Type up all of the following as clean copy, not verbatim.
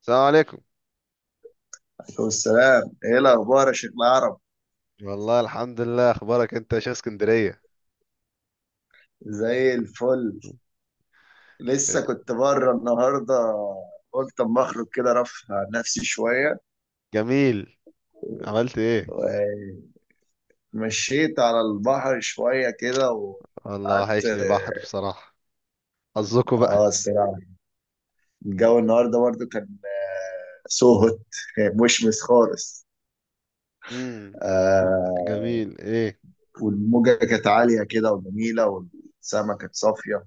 السلام عليكم. والسلام، ايه الاخبار يا شيخ العرب؟ والله الحمد لله. اخبارك انت يا شيخ اسكندريه؟ زي الفل. إيه، لسه كنت بره النهارده، قلت اما اخرج كده رفه عن نفسي شويه جميل. عملت ايه؟ ومشيت على البحر شويه كده. و والله وحشني البحر بصراحه. حظكوا اه بقى. الصراحه الجو النهارده برضه كان سوهت كان مشمس خالص. امم آه جميل ايه. والموجه كانت عاليه كده وجميله والسما كانت صافيه.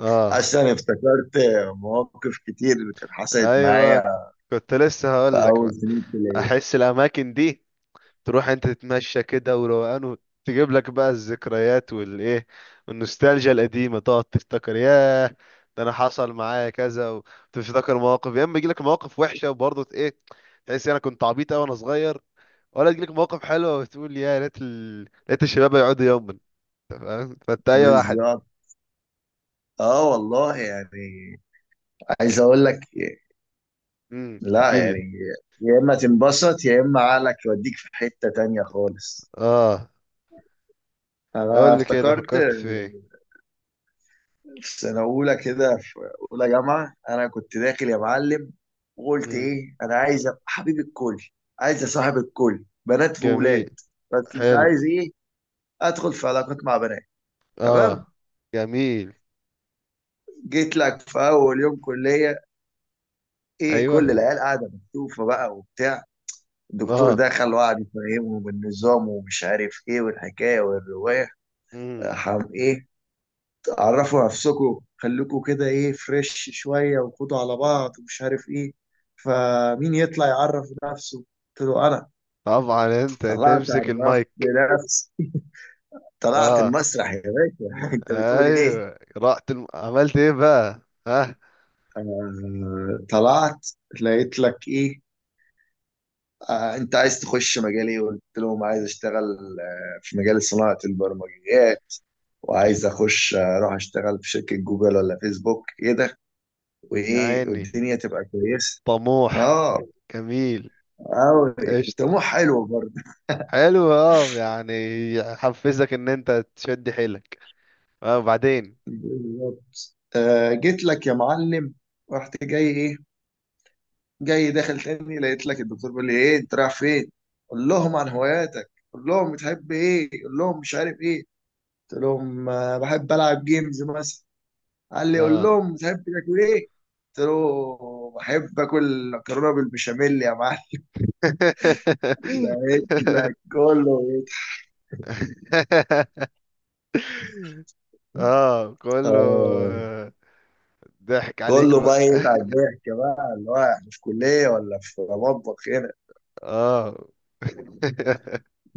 اه اصلا افتكرت مواقف كتير اللي كانت حصلت ايوه، معايا كنت لسه في هقول لك اول بقى، سنين كليه. احس الاماكن دي تروح انت تتمشى كده وروقان وتجيب لك بقى الذكريات والايه والنوستالجيا القديمه، تقعد تفتكر ياه، ده انا حصل معايا كذا، وتفتكر مواقف، يا اما يجي لك مواقف وحشه وبرضه ايه، تحس انا كنت عبيط قوي وانا صغير، ولا تجيلك مواقف حلوه وتقول يا ريت ريت الشباب يقعدوا يوما. أنت فاهم؟ فانت اي واحد. بالظبط، اه والله يعني. عايز اقول لك، لا احكي لي. يعني، يا اما تنبسط يا اما عقلك يوديك في حتة تانية خالص. اه، انا قول لي كده، افتكرت فكرت في ايه؟ في سنة اولى كده، في اولى جامعة انا كنت داخل يا معلم وقلت امم ايه، انا عايز ابقى حبيب الكل، عايز اصاحب الكل بنات جميل. وولاد، بس مش حلو. عايز ايه، ادخل في علاقات مع بنات. تمام، اه جميل. جيت لك في اول يوم كلية، ايه، ايوه. كل العيال قاعدة مكتوفة بقى وبتاع. الدكتور اه. دخل وقعد يفهمه بالنظام ومش عارف ايه والحكايه والروايه. امم ايه، عرفوا نفسكم خليكم كده ايه فريش شويه وخدوا على بعض ومش عارف ايه. فمين يطلع يعرف نفسه؟ قلت له انا. طبعا انت طلعت، تمسك عرفت المايك. نفسي، طلعت اه المسرح يا باشا. انت بتقول ايه؟ ايوه، رحت عملت ايه بقى؟ ها؟ طلعت لقيت لك ايه، آه، انت عايز تخش مجال ايه؟ قلت لهم عايز اشتغل في مجال صناعه البرمجيات، وعايز اخش اروح اشتغل في شركه جوجل ولا فيسبوك ايه ده، يا وايه عيني، والدنيا تبقى كويسه. طموح. اه، جميل. قوي طموح قشطه. حلو برضه. حلو اه يعني، يحفزك ان انت تشد حيلك. اه، وبعدين؟ بالظبط. جيت لك يا معلم، رحت جاي ايه، جاي داخل تاني، لقيت لك الدكتور بيقول لي ايه انت رايح فين، قول لهم عن هواياتك، قول لهم بتحب ايه، قول لهم مش عارف ايه. قلت لهم بحب العب جيمز مثلا. قال لي قول اه. لهم بتحب تاكل ايه. قلت له بحب اكل مكرونه بالبشاميل يا معلم. لقيت لك كله يضحك. اه، كله اه، ضحك عليك كله بقى. بقى يقطع الضحك بقى، اللي هو احنا في كلية ولا في مطبخ هنا؟ اه.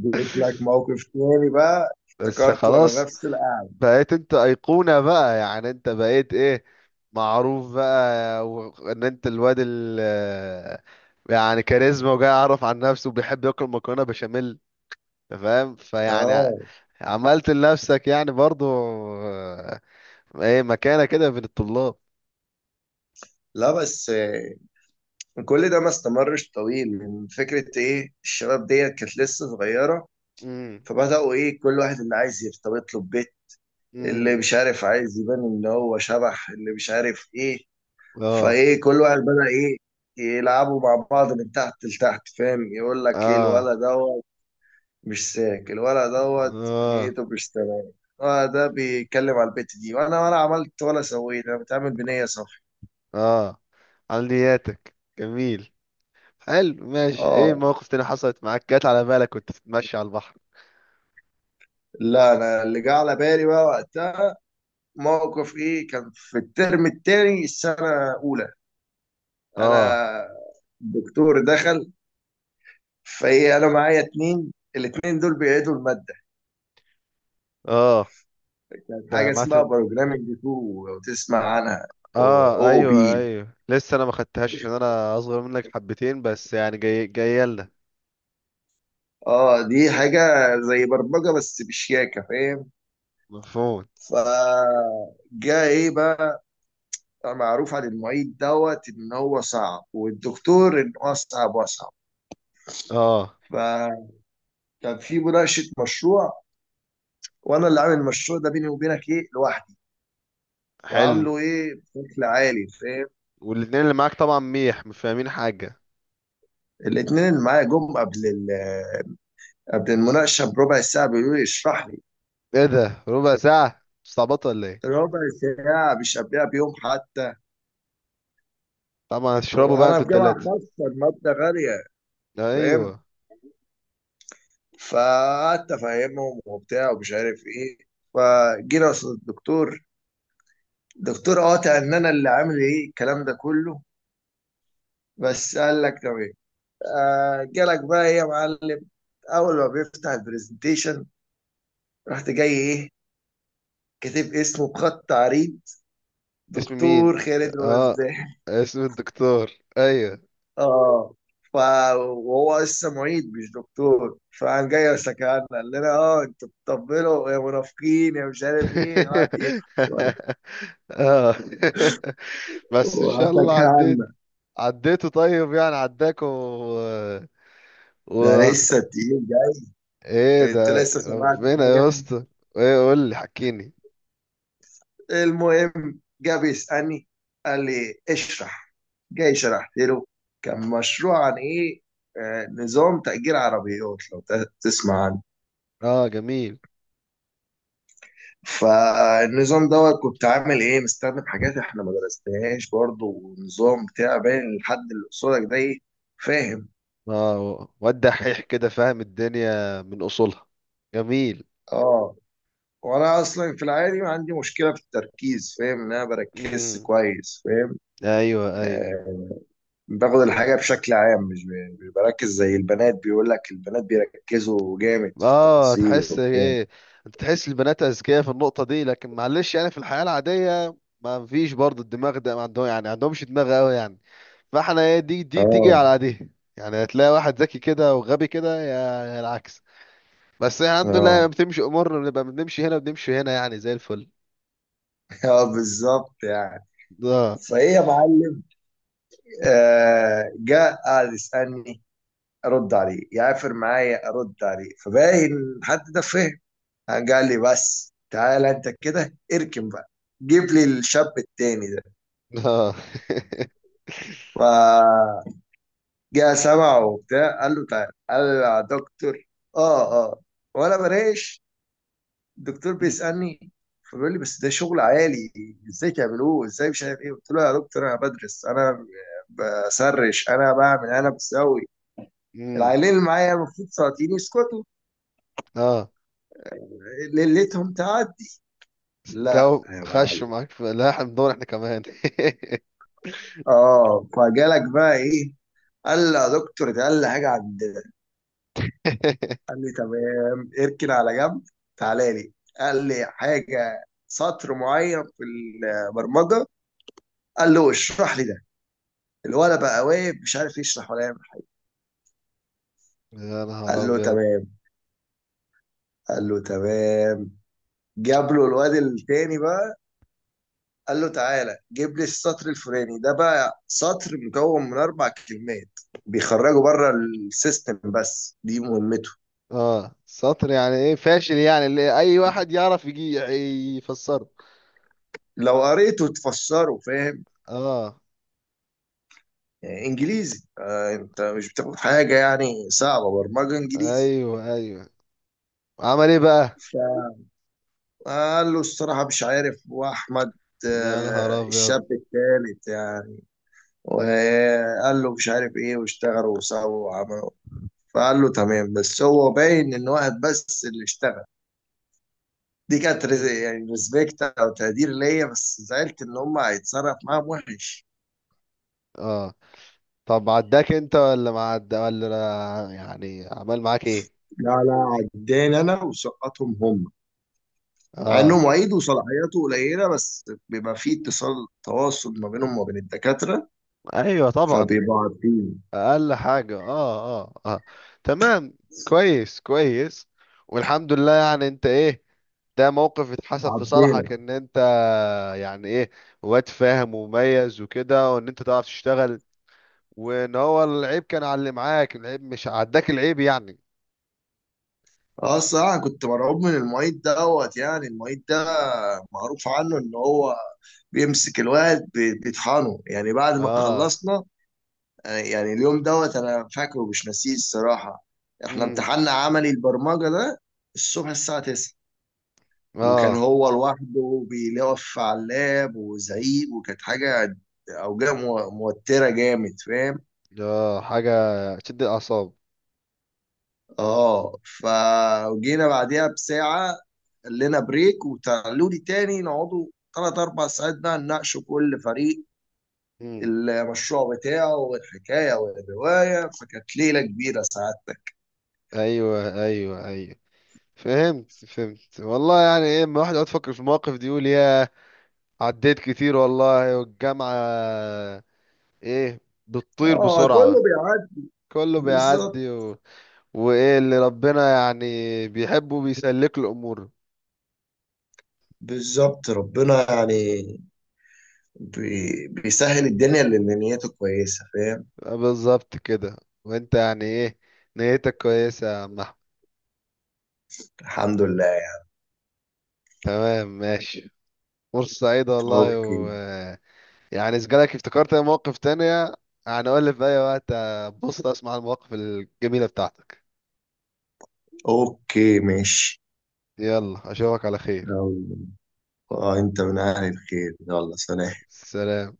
جيت لك موقف تاني بقى بس افتكرته وانا خلاص، نفس القعدة. بقيت انت ايقونة بقى، يعني انت بقيت ايه، معروف بقى، وان انت الواد ال، يعني كاريزما، وجاي يعرف عن نفسه وبيحب ياكل مكرونة بشاميل. أنت فاهم؟ فيعني اه، عملت لنفسك يعني برضو آه، ايه مكانة كده بين الطلاب. لا بس كل ده ما استمرش طويل، من فكرة ايه الشباب ديت كانت لسه صغيرة، امم فبدأوا ايه، كل واحد اللي عايز يرتبط له ببيت، اللي امم مش عارف عايز يبان ان هو شبح، اللي مش عارف ايه. اه فايه كل واحد بدأ ايه، يلعبوا مع بعض من تحت لتحت، فاهم؟ يقول لك ايه اه الولد دوت مش ساك، الولد دوت اه نيته مش تمام، اه، ده بيتكلم على البت دي، وانا ولا عملت ولا سويت، انا بتعامل بنية صافية. اه. عملياتك جميل. حلو ماشي. ايه اه، موقف تاني حصلت معاك جت على بالك وانت بتتمشي على البحر؟ لا انا اللي جه على بالي بقى وقتها موقف ايه، كان في الترم التاني السنة الاولى. اه. انا، الدكتور دخل، فايه انا معايا اتنين، الاتنين دول بيعيدوا المادة. اه، كانت ده حاجة اسمها مثلا؟ بروجرامينج 2، لو تسمع عنها، اه او ايوه بي. ايوه، لسه انا ما خدتهاش عشان انا اصغر منك حبتين بس، يعني جاي جايه لنا. اه دي حاجة زي برمجة بس بشياكة، فاهم؟ مفهوم. فجاء ايه بقى، معروف عن المعيد دوت ان هو صعب، والدكتور ان هو صعب واصعب. اه فكان في مناقشة مشروع، وانا اللي عامل المشروع ده بيني وبينك ايه، لوحدي، حلو. وعامله ايه بشكل عالي، فاهم؟ والاتنين اللي معاك طبعا ميح، مش فاهمين حاجه. الاتنين اللي معايا جم قبل قبل المناقشة بربع ساعة بيقولوا لي اشرح لي. ايه ده، ربع ساعه؟ مستعبط ولا ايه؟ ربع ساعة، مش قبلها بيوم حتى. طبعا هو هتشربوا بقى أنا انتوا في جامعة التلاته. خاصة، المادة غالية، فاهم؟ ايوه. فقعدت أفهمهم وبتاع ومش عارف إيه. فجينا قصاد الدكتور، الدكتور قاطع إن أنا اللي عامل إيه الكلام ده كله، بس قال لك تمام. آه، جالك بقى إيه يا معلم، أول ما بيفتح البرزنتيشن رحت جاي إيه، كاتب اسمه بخط عريض، اسم مين؟ دكتور خالد اه، رزاق. اسم الدكتور. ايوه. اه، ف وهو لسه معيد مش دكتور، فقام جاي سكرنا، قال لنا اه انتوا بتطبلوا يا منافقين يا مش عارف ايه، قعدت يضحك اه. بس ان شاء الله عديت. وسكرنا. عديته طيب، يعني عداكوا ده و... لسه تقيل جاي، ايه انت ده، لسه سمعت ربنا حاجه؟ يا اسطى. ايه قول لي، حكيني. المهم جه بيسالني، قال لي اشرح، جاي شرحت له. كان مشروع عن ايه، آه، نظام تأجير عربيات، لو تسمع عنه. اه جميل. فالنظام دوت كنت عامل ايه، مستخدم حاجات احنا ما درسناهاش برضه، والنظام بتاع باين لحد اللي قصادك ده ايه، فاهم؟ اه، واد دحيح كده، فاهم الدنيا من اصولها. جميل. اه. وانا اصلا في العادي ما عندي مشكله في التركيز، فاهم ان انا بركز امم كويس، فاهم؟ ايوه ايوه. آه، باخد الحاجه بشكل عام، مش مش بركز زي البنات. بيقول لك البنات بيركزوا جامد في اه التفاصيل تحس وبتاع. ايه؟ انت تحس البنات اذكياء في النقطه دي، لكن معلش يعني في الحياه العاديه ما فيش برضه الدماغ ده ما عندهم، يعني ما عندهمش دماغ قوي يعني، فاحنا ايه دي تيجي اه على دي. يعني هتلاقي واحد ذكي كده وغبي كده، يا العكس. بس الحمد لله اه. بتمشي امورنا، بنبقى بنمشي هنا بنمشي هنا، يعني زي الفل. اه بالظبط يعني. اه. فايه يا معلم، آه، جاء قعد يسالني، ارد عليه يعافر معايا ارد عليه، فباين حد ده فهم. قال لي بس تعالى انت كده اركن بقى، جيب لي الشاب التاني ده. اه. فجاء سمعه وبتاع، قال له تعالى، قال له يا دكتور، اه اه. وانا بريش، الدكتور بيسالني. فبيقول لي بس ده شغل عالي، ازاي تعملوه، ازاي مش عارف ايه. قلت له يا دكتور انا بدرس، انا بسرش، انا بعمل، انا بسوي. أمم، العيلين اللي معايا المفروض سلاطين يسكتوا اه، ليلتهم تعدي. لا جو يا خش معلم، معاك. في لا، احنا بندور احنا كمان. اه فجالك بقى ايه، قال لي يا دكتور ده اقل حاجه عندنا. قال لي تمام اركن على جنب، تعالى لي. قال لي حاجه سطر معين في البرمجه، قال له اشرح لي ده. الولد بقى واقف مش عارف يشرح ولا يعمل. يا نهار قال له ابيض. تمام. قال له تمام جاب له الواد التاني بقى، قال له تعالى جيب لي السطر الفلاني ده بقى، سطر مكون من اربع كلمات، بيخرجوا بره السيستم، بس دي مهمته. اه، سطر يعني ايه فاشل، يعني اللي اي واحد يعرف يجي يفسره. لو قريته تفسره، فاهم؟ اه يعني انجليزي، آه، انت مش بتاخد حاجه يعني صعبه، برمجه انجليزي. ايوه ايوه. عمل ايه بقى؟ فقال له الصراحه مش عارف، واحمد، يا نهار آه، ابيض. الشاب الثالث يعني، وقال له مش عارف ايه، واشتغلوا وسووا وعملوا. فقال له تمام، بس هو باين ان واحد بس اللي اشتغل. دي كانت مم. يعني ريسبكت او تقدير ليا، بس زعلت ان هم هيتصرف معاهم وحش. اه، طب عداك انت ولا ما عدا؟ ولا يعني عمل معاك ايه؟ لا لا، عداني انا وسقطهم هم. مع اه انه معيد وصلاحياته قليله، بس بيبقى فيه اتصال تواصل ما بينهم وما بين الدكاتره، ايوه طبعا. فبيبقوا عارفين، اقل حاجه. اه اه اه. تمام. كويس كويس. والحمد لله، يعني انت ايه، ده موقف اتحسب في صالحك عارفينك. ان انت يعني ايه، واد فاهم ومميز وكده، وان انت تعرف تشتغل، وان هو العيب كان على اللي معاك، العيب مش عداك، العيب يعني. اه الصراحه كنت مرعوب من المعيد دوت، يعني المعيد ده معروف عنه ان هو بيمسك الواد بيطحنه، يعني بعد ما اه. خلصنا آه، يعني اليوم دوت انا فاكره مش ناسيه الصراحه. احنا امم امتحاننا عملي البرمجه ده الصبح الساعه 9، وكان اه هو لوحده بيلف على اللاب وزعيق، وكانت حاجة أوجاع موترة جامد، فاهم؟ اه حاجه تشد الاعصاب. اه فجينا بعديها بساعة، قال لنا بريك وتعالوا لي تاني نقعدوا تلات أربع ساعات بقى نناقشوا كل فريق امم المشروع بتاعه والحكاية والرواية. فكانت ليلة كبيرة سعادتك. ايوه ايوه ايوه. فهمت فهمت والله. يعني ايه لما الواحد يقعد يفكر في المواقف دي يقول يا، عديت كتير والله. والجامعه ايه، بتطير اه كله بسرعه. بيعدي. كله بالظبط. بيعدي وايه اللي ربنا يعني بيحبه بيسلك له الامور. ربنا يعني بيسهل الدنيا للنيات كويسة، فاهم؟ بالظبط كده. وانت يعني ايه، نيتك كويسه يا عم. الحمد لله. تمام ماشي، فرصة سعيدة والله. اوكي، و يعني إذا جالك افتكرت أي مواقف تانية، يعني قول لي في أي وقت. بص أسمع المواقف الجميلة بتاعتك. اوكي ماشي. يلا أشوفك على خير. يلا، آه، انت من اهل الخير، يلا سلام. سلام.